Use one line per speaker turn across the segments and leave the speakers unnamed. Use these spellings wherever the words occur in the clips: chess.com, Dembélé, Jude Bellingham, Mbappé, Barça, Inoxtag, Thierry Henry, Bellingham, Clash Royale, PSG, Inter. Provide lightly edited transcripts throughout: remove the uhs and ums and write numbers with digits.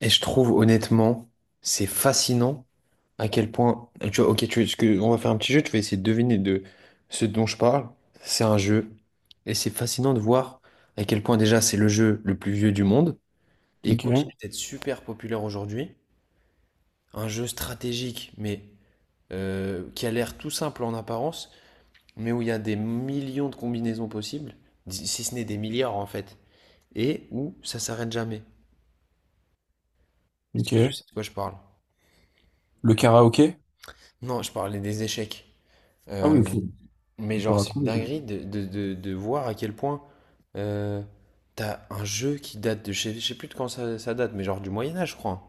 Et je trouve honnêtement, c'est fascinant à quel point. Tu vois, ok, on va faire un petit jeu, tu vas essayer de deviner de ce dont je parle. C'est un jeu. Et c'est fascinant de voir à quel point déjà c'est le jeu le plus vieux du monde. Et il continue
Ok,
d'être super populaire aujourd'hui. Un jeu stratégique, mais qui a l'air tout simple en apparence, mais où il y a des millions de combinaisons possibles, si ce n'est des milliards en fait. Et où ça s'arrête jamais. Est-ce
ok.
que tu sais de quoi je parle?
Le karaoké?
Non, je parlais des échecs.
Ah oui,
Euh,
ok. C'est
mais genre,
dur à
c'est une
trouver, ouais.
dinguerie de voir à quel point euh, t'as un jeu qui date de, je sais plus de quand ça date, mais genre du Moyen Âge, je crois, hein,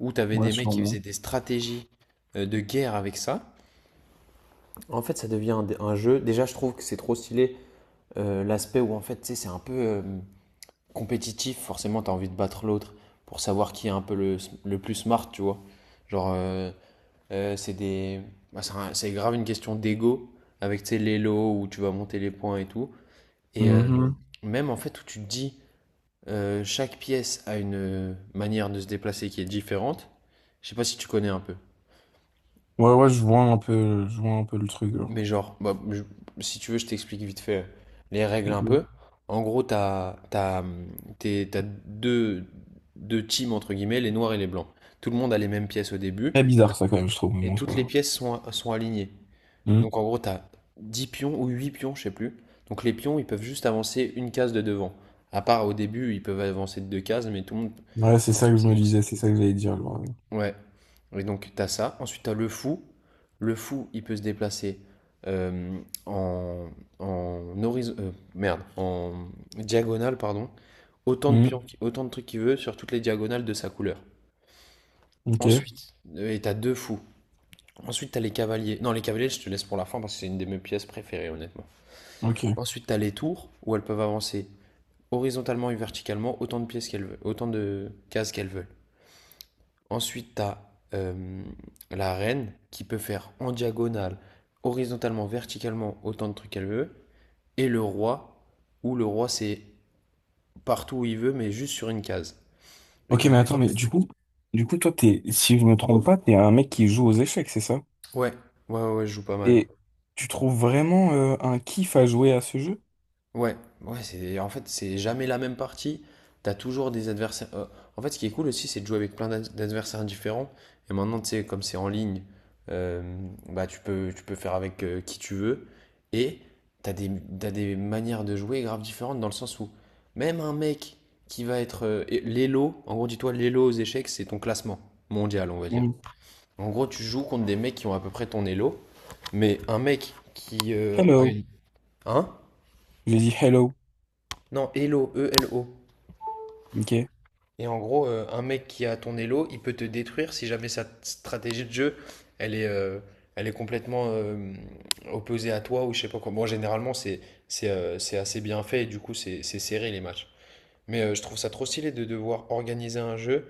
où t'avais
Ouais,
des mecs qui
sûrement.
faisaient des stratégies de guerre avec ça. En fait, ça devient un jeu. Déjà, je trouve que c'est trop stylé l'aspect où en fait, tu sais, c'est un peu compétitif. Forcément, t'as envie de battre l'autre pour savoir qui est un peu le plus smart, tu vois. Genre, euh, c'est des... bah, c'est grave une question d'ego avec, tu sais, les lots où tu vas monter les points et tout. Et euh,
Mhm.
même en fait où tu te dis chaque pièce a une manière de se déplacer qui est différente. Je sais pas si tu connais un peu.
Ouais, ouais, je vois un peu, je vois un peu le truc.
Mais
genre.
genre, bah, si tu veux, je t'explique vite fait les règles un
Mhm.
peu. En gros, t'as deux teams entre guillemets, les noirs et les blancs. Tout le monde a les mêmes pièces au début
Très bizarre, ça, quand même, je trouve, mais
et
bon, c'est pas
toutes les
grave.
pièces sont alignées.
Mhm.
Donc en gros, t'as 10 pions ou 8 pions, je sais plus. Donc les pions, ils peuvent juste avancer une case de devant. À part au début, ils peuvent avancer de deux cases, mais tout le monde.
Ouais, c'est ça que je
C'est
me
juste.
disais, c'est ça que j'allais dire.
Ouais. Et donc t'as ça. Ensuite, t'as le fou. Le fou, il peut se déplacer euh, en, merde, en diagonale, pardon. Autant de
Mhm.
pions, autant de trucs qu'il veut sur toutes les diagonales de sa couleur.
Ok.
Ensuite, t'as deux fous. Ensuite, t'as les cavaliers. Non, les cavaliers, je te laisse pour la fin parce que c'est une de mes pièces préférées, honnêtement.
Ok,
Ensuite, tu as les tours où elles peuvent avancer horizontalement et verticalement autant de pièces qu'elles veulent, autant de cases qu'elles veulent. Ensuite, tu as euh, la reine qui peut faire en diagonale, horizontalement, verticalement autant de trucs qu'elle veut. Et le roi, où le roi c'est partout où il veut, mais juste sur une case. Et
Ok,
ton
mais
but
attends,
en
mais
fait?
du coup, toi, t'es, si je me trompe pas, t'es un mec qui joue aux échecs, c'est ça?
Ouais, ouais, ouais, ouais, je joue pas mal.
Et tu trouves vraiment un kiff à jouer à ce jeu?
Ouais, ouais, c'est, en fait, c'est jamais la même partie. T'as toujours des adversaires. En fait, ce qui est cool aussi, c'est de jouer avec plein d'adversaires différents. Et maintenant, tu sais, comme c'est en ligne, euh, bah, tu peux faire avec qui tu veux. Et t'as des t'as des manières de jouer grave différentes, dans le sens où même un mec qui va être l'élo, en gros, dis-toi, l'élo aux échecs, c'est ton classement mondial, on va dire.
Mhm.
En gros, tu joues contre des mecs qui ont à peu près ton élo, mais un mec qui a
Hello.
une, hein?
J'ai dit hello.
Non, élo, ELO.
Ok,
Et en gros, un mec qui a ton elo, il peut te détruire si jamais sa stratégie de jeu, elle est, elle est complètement opposée à toi, ou je sais pas quoi. Bon, généralement, c'est assez bien fait et du coup, c'est serré, les matchs. Mais je trouve ça trop stylé de devoir organiser un jeu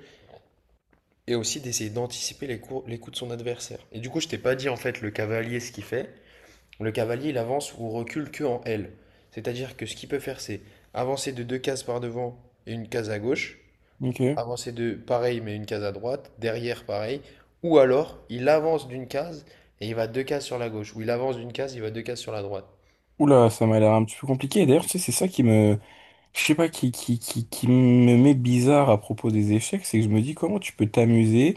et aussi d'essayer d'anticiper les coups de son adversaire. Et du coup, je t'ai pas dit en fait le cavalier ce qu'il fait. Le cavalier, il avance ou recule que en L. C'est-à-dire que ce qu'il peut faire, c'est avancer de deux cases par devant et une case à gauche,
ok.
avancer de pareil mais une case à droite, derrière pareil, ou alors il avance d'une case et il va deux cases sur la gauche, ou il avance d'une case, il va deux cases sur la droite.
Oula, ça m'a l'air un petit peu compliqué. Et d'ailleurs, tu sais, c'est ça qui me, je sais pas, qui me met bizarre à propos des échecs, c'est que je me dis comment tu peux t'amuser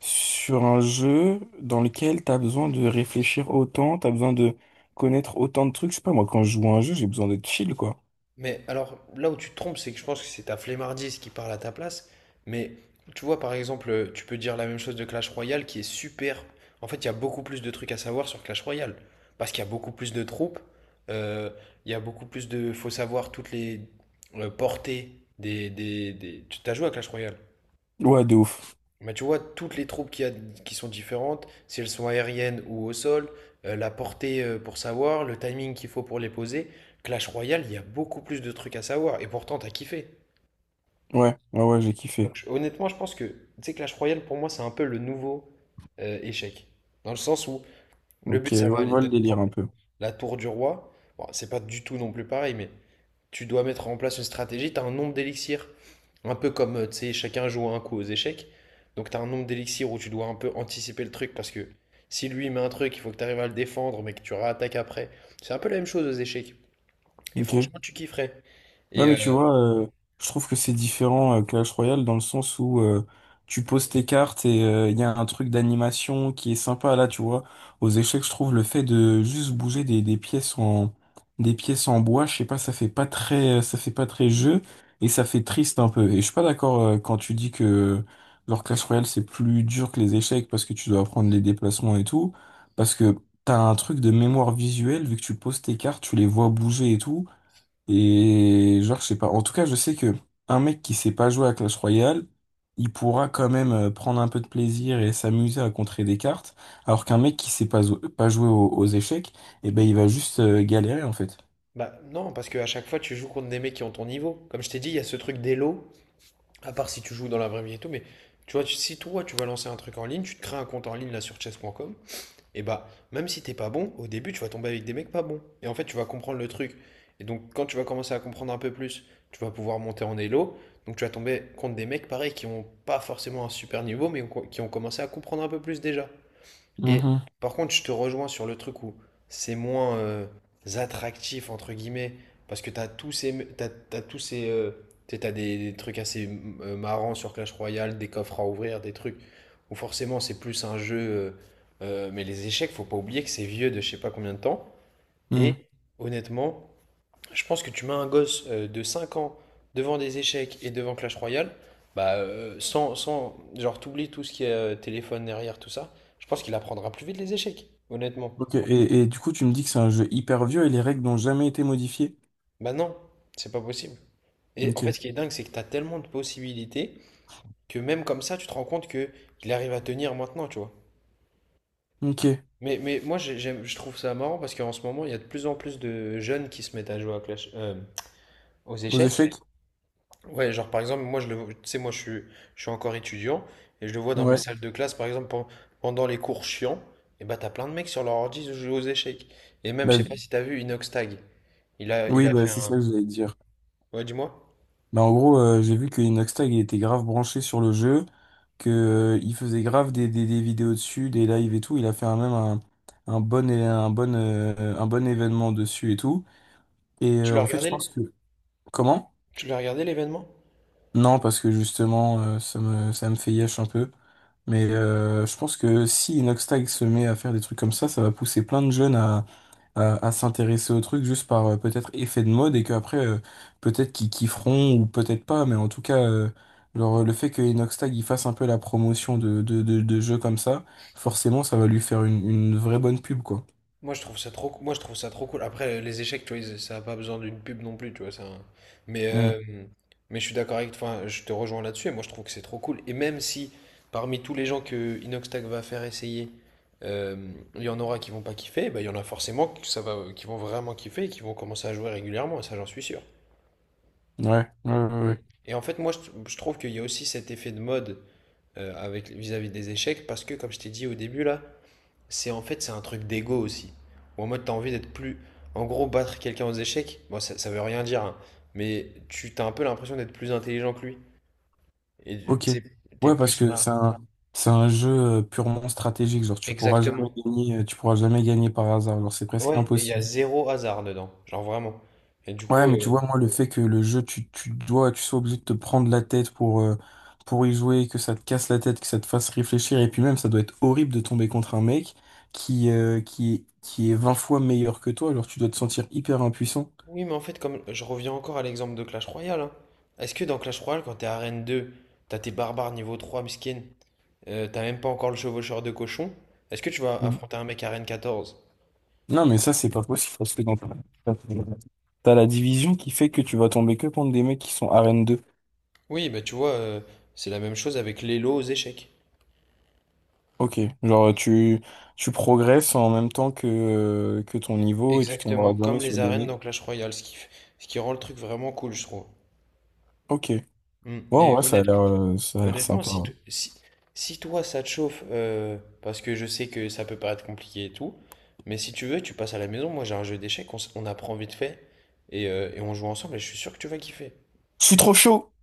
sur un jeu dans lequel t'as besoin de réfléchir autant, t'as besoin de connaître autant de trucs. Je sais pas, moi, quand je joue à un jeu, j'ai besoin d'être chill, quoi.
Mais alors là où tu te trompes, c'est que je pense que c'est ta flemmardise qui parle à ta place. Mais tu vois, par exemple, tu peux dire la même chose de Clash Royale, qui est super. En fait, il y a beaucoup plus de trucs à savoir sur Clash Royale, parce qu'il y a beaucoup plus de troupes, euh, il y a beaucoup plus de... faut savoir toutes les portées. Tu as joué à Clash Royale?
Ouais, de ouf.
Mais tu vois, toutes les troupes qu'il y a, qui sont différentes, si elles sont aériennes ou au sol, la portée, pour savoir le timing qu'il faut pour les poser, Clash Royale, il y a beaucoup plus de trucs à savoir, et pourtant t'as kiffé.
Ouais, ouais, ouais, j'ai kiffé.
Donc honnêtement, je pense que, tu sais, Clash Royale, pour moi, c'est un peu le nouveau échec. Dans le sens où le
Ok,
but, ça va
je
aller
vois le
d'être
délire
prendre
un peu.
la tour du roi. Bon, c'est pas du tout non plus pareil, mais tu dois mettre en place une stratégie, tu as un nombre d'élixirs. Un peu comme, tu sais, chacun joue un coup aux échecs. Donc tu as un nombre d'élixirs où tu dois un peu anticiper le truc parce que si lui met un truc, il faut que tu arrives à le défendre, mais que tu réattaques après. C'est un peu la même chose aux échecs. Et
Ok.
franchement, tu kifferais.
Ouais,
Et
mais tu
euh,
vois, je trouve que c'est différent Clash Royale dans le sens où tu poses tes cartes et il y a un truc d'animation qui est sympa là, tu vois. Aux échecs, je trouve le fait de juste bouger des pièces en des pièces en bois, je sais pas, ça fait pas très ça fait pas très jeu et ça fait triste un peu. Et je suis pas d'accord quand tu dis que leur Clash Royale c'est plus dur que les échecs parce que tu dois apprendre les déplacements et tout, parce que t'as un truc de mémoire visuelle vu que tu poses tes cartes, tu les vois bouger et tout. Et genre, je sais pas. En tout cas, je sais que un mec qui sait pas jouer à Clash Royale, il pourra quand même prendre un peu de plaisir et s'amuser à contrer des cartes, alors qu'un mec qui sait pas, pas jouer aux échecs, eh ben, il va juste galérer en fait.
bah non, parce qu'à chaque fois, tu joues contre des mecs qui ont ton niveau. Comme je t'ai dit, il y a ce truc d'élo, à part si tu joues dans la vraie vie et tout, mais tu vois, si toi, tu vas lancer un truc en ligne, tu te crées un compte en ligne là sur chess.com. Et bah, même si t'es pas bon, au début, tu vas tomber avec des mecs pas bons. Et en fait, tu vas comprendre le truc. Et donc, quand tu vas commencer à comprendre un peu plus, tu vas pouvoir monter en elo. Donc, tu vas tomber contre des mecs, pareil, qui ont pas forcément un super niveau, mais qui ont commencé à comprendre un peu plus déjà. Et
Mhm.
par contre, je te rejoins sur le truc où c'est moins attractif, entre guillemets, parce que t'as tous ces. T'as, t'as tous ces. T'sais, t'as des trucs assez marrants sur Clash Royale, des coffres à ouvrir, des trucs où forcément c'est plus un jeu. Mais les échecs, faut pas oublier que c'est vieux de je sais pas combien de temps.
mhm.
Et honnêtement, je pense que tu mets un gosse de 5 ans devant des échecs et devant Clash Royale, bah, sans, sans, genre, t'oublies tout ce qui est téléphone derrière, tout ça, je pense qu'il apprendra plus vite les échecs, honnêtement.
Ok. Et du coup, tu me dis que c'est un jeu hyper vieux et les règles n'ont jamais été modifiées.
Bah non, c'est pas possible. Et en fait,
Ok.
ce qui est dingue, c'est que t'as tellement de possibilités que même comme ça, tu te rends compte que il arrive à tenir maintenant, tu vois.
Ok.
Mais moi, j'aime, je trouve ça marrant parce qu'en ce moment, il y a de plus en plus de jeunes qui se mettent à jouer à aux
Aux
échecs.
échecs?
Ouais, genre par exemple, tu sais, moi je suis encore étudiant et je le vois dans mes
Ouais.
salles de classe, par exemple, pendant les cours chiants, et bah t'as plein de mecs sur leur ordi jouer aux échecs. Et même, je
Bah
sais pas si t'as vu Inox Tag. Il a, il
oui,
a
bah,
fait
c'est ça
un.
que j'allais dire.
Ouais, dis-moi.
Bah, en gros, j'ai vu que Inoxtag il était grave branché sur le jeu, que il faisait grave des vidéos dessus, des lives et tout. Il a fait un, même un bon, un, bon, un bon événement dessus et tout. Et
Tu l'as
en fait,
regardé,
je pense
l-
que... Comment?
tu l'as regardé, l'événement?
Non, parce que justement, ça me fait yesh un peu. Mais je pense que si Inoxtag se met à faire des trucs comme ça va pousser plein de jeunes à s'intéresser au truc juste par peut-être effet de mode et qu'après peut-être qu'ils kifferont ou peut-être pas, mais en tout cas genre, le fait que Inox il fasse un peu la promotion de jeux comme ça forcément ça va lui faire une vraie bonne pub quoi.
Moi je trouve ça trop cool. Après, les échecs, tu vois, ça a pas besoin d'une pub non plus, tu vois. Ça... hein. Mais
Hmm.
euh, mais je suis d'accord avec, enfin, je te rejoins là-dessus. Et moi je trouve que c'est trop cool. Et même si parmi tous les gens que Inoxtag va faire essayer, euh, il y en aura qui vont pas kiffer, bah, il y en a forcément que ça va, qui vont vraiment kiffer et qui vont commencer à jouer régulièrement. Et ça, j'en suis sûr.
Ouais, ouais, ouais,
Mm.
ouais.
Et en fait, moi je trouve qu'il y a aussi cet effet de mode avec vis-à-vis des échecs, parce que comme je t'ai dit au début là. C'est en fait, c'est un truc d'ego aussi. Ou en mode, t'as envie d'être plus. En gros, battre quelqu'un aux échecs, bon, ça veut rien dire, hein, mais tu t'as un peu l'impression d'être plus intelligent que lui. Et
Ok,
t'sais, t'es
ouais,
plus
parce que
smart.
c'est un jeu purement stratégique, genre tu pourras jamais
Exactement.
gagner tu pourras jamais gagner par hasard, genre c'est presque
Ouais, et il y a
impossible.
zéro hasard dedans. Genre vraiment. Et du
Ouais,
coup.
mais tu vois,
euh,
moi, le fait que le jeu, tu dois, tu sois obligé de te prendre la tête pour y jouer, que ça te casse la tête, que ça te fasse réfléchir, et puis même, ça doit être horrible de tomber contre un mec qui, qui est 20 fois meilleur que toi, alors tu dois te sentir hyper impuissant.
Oui, mais en fait, comme je reviens encore à l'exemple de Clash Royale, hein. Est-ce que dans Clash Royale, quand t'es arène deux, t'as tes barbares niveau 3 miskin, t'as même pas encore le chevaucheur de cochon, est-ce que tu vas
Mm.
affronter un mec arène 14?
Non, mais ça, c'est pas possible, parce que dans t'as la division qui fait que tu vas tomber que contre des mecs qui sont arène 2.
Oui, bah tu vois, c'est la même chose avec les lots aux échecs.
Ok, genre, tu progresses en même temps que ton niveau, et tu tomberas
Exactement,
jamais
comme
sur
les
des
arènes dans
mecs.
Clash Royale, ce qui rend le truc vraiment cool, je trouve.
Ok.
Mm.
Ouais,
Et
ouais, ça a l'air sympa,
si, to-
hein.
si, si toi ça te chauffe, parce que je sais que ça peut paraître compliqué et tout, mais si tu veux, tu passes à la maison, moi j'ai un jeu d'échecs, on apprend vite fait, et on joue ensemble, et je suis sûr que tu vas kiffer.
Je suis trop chaud.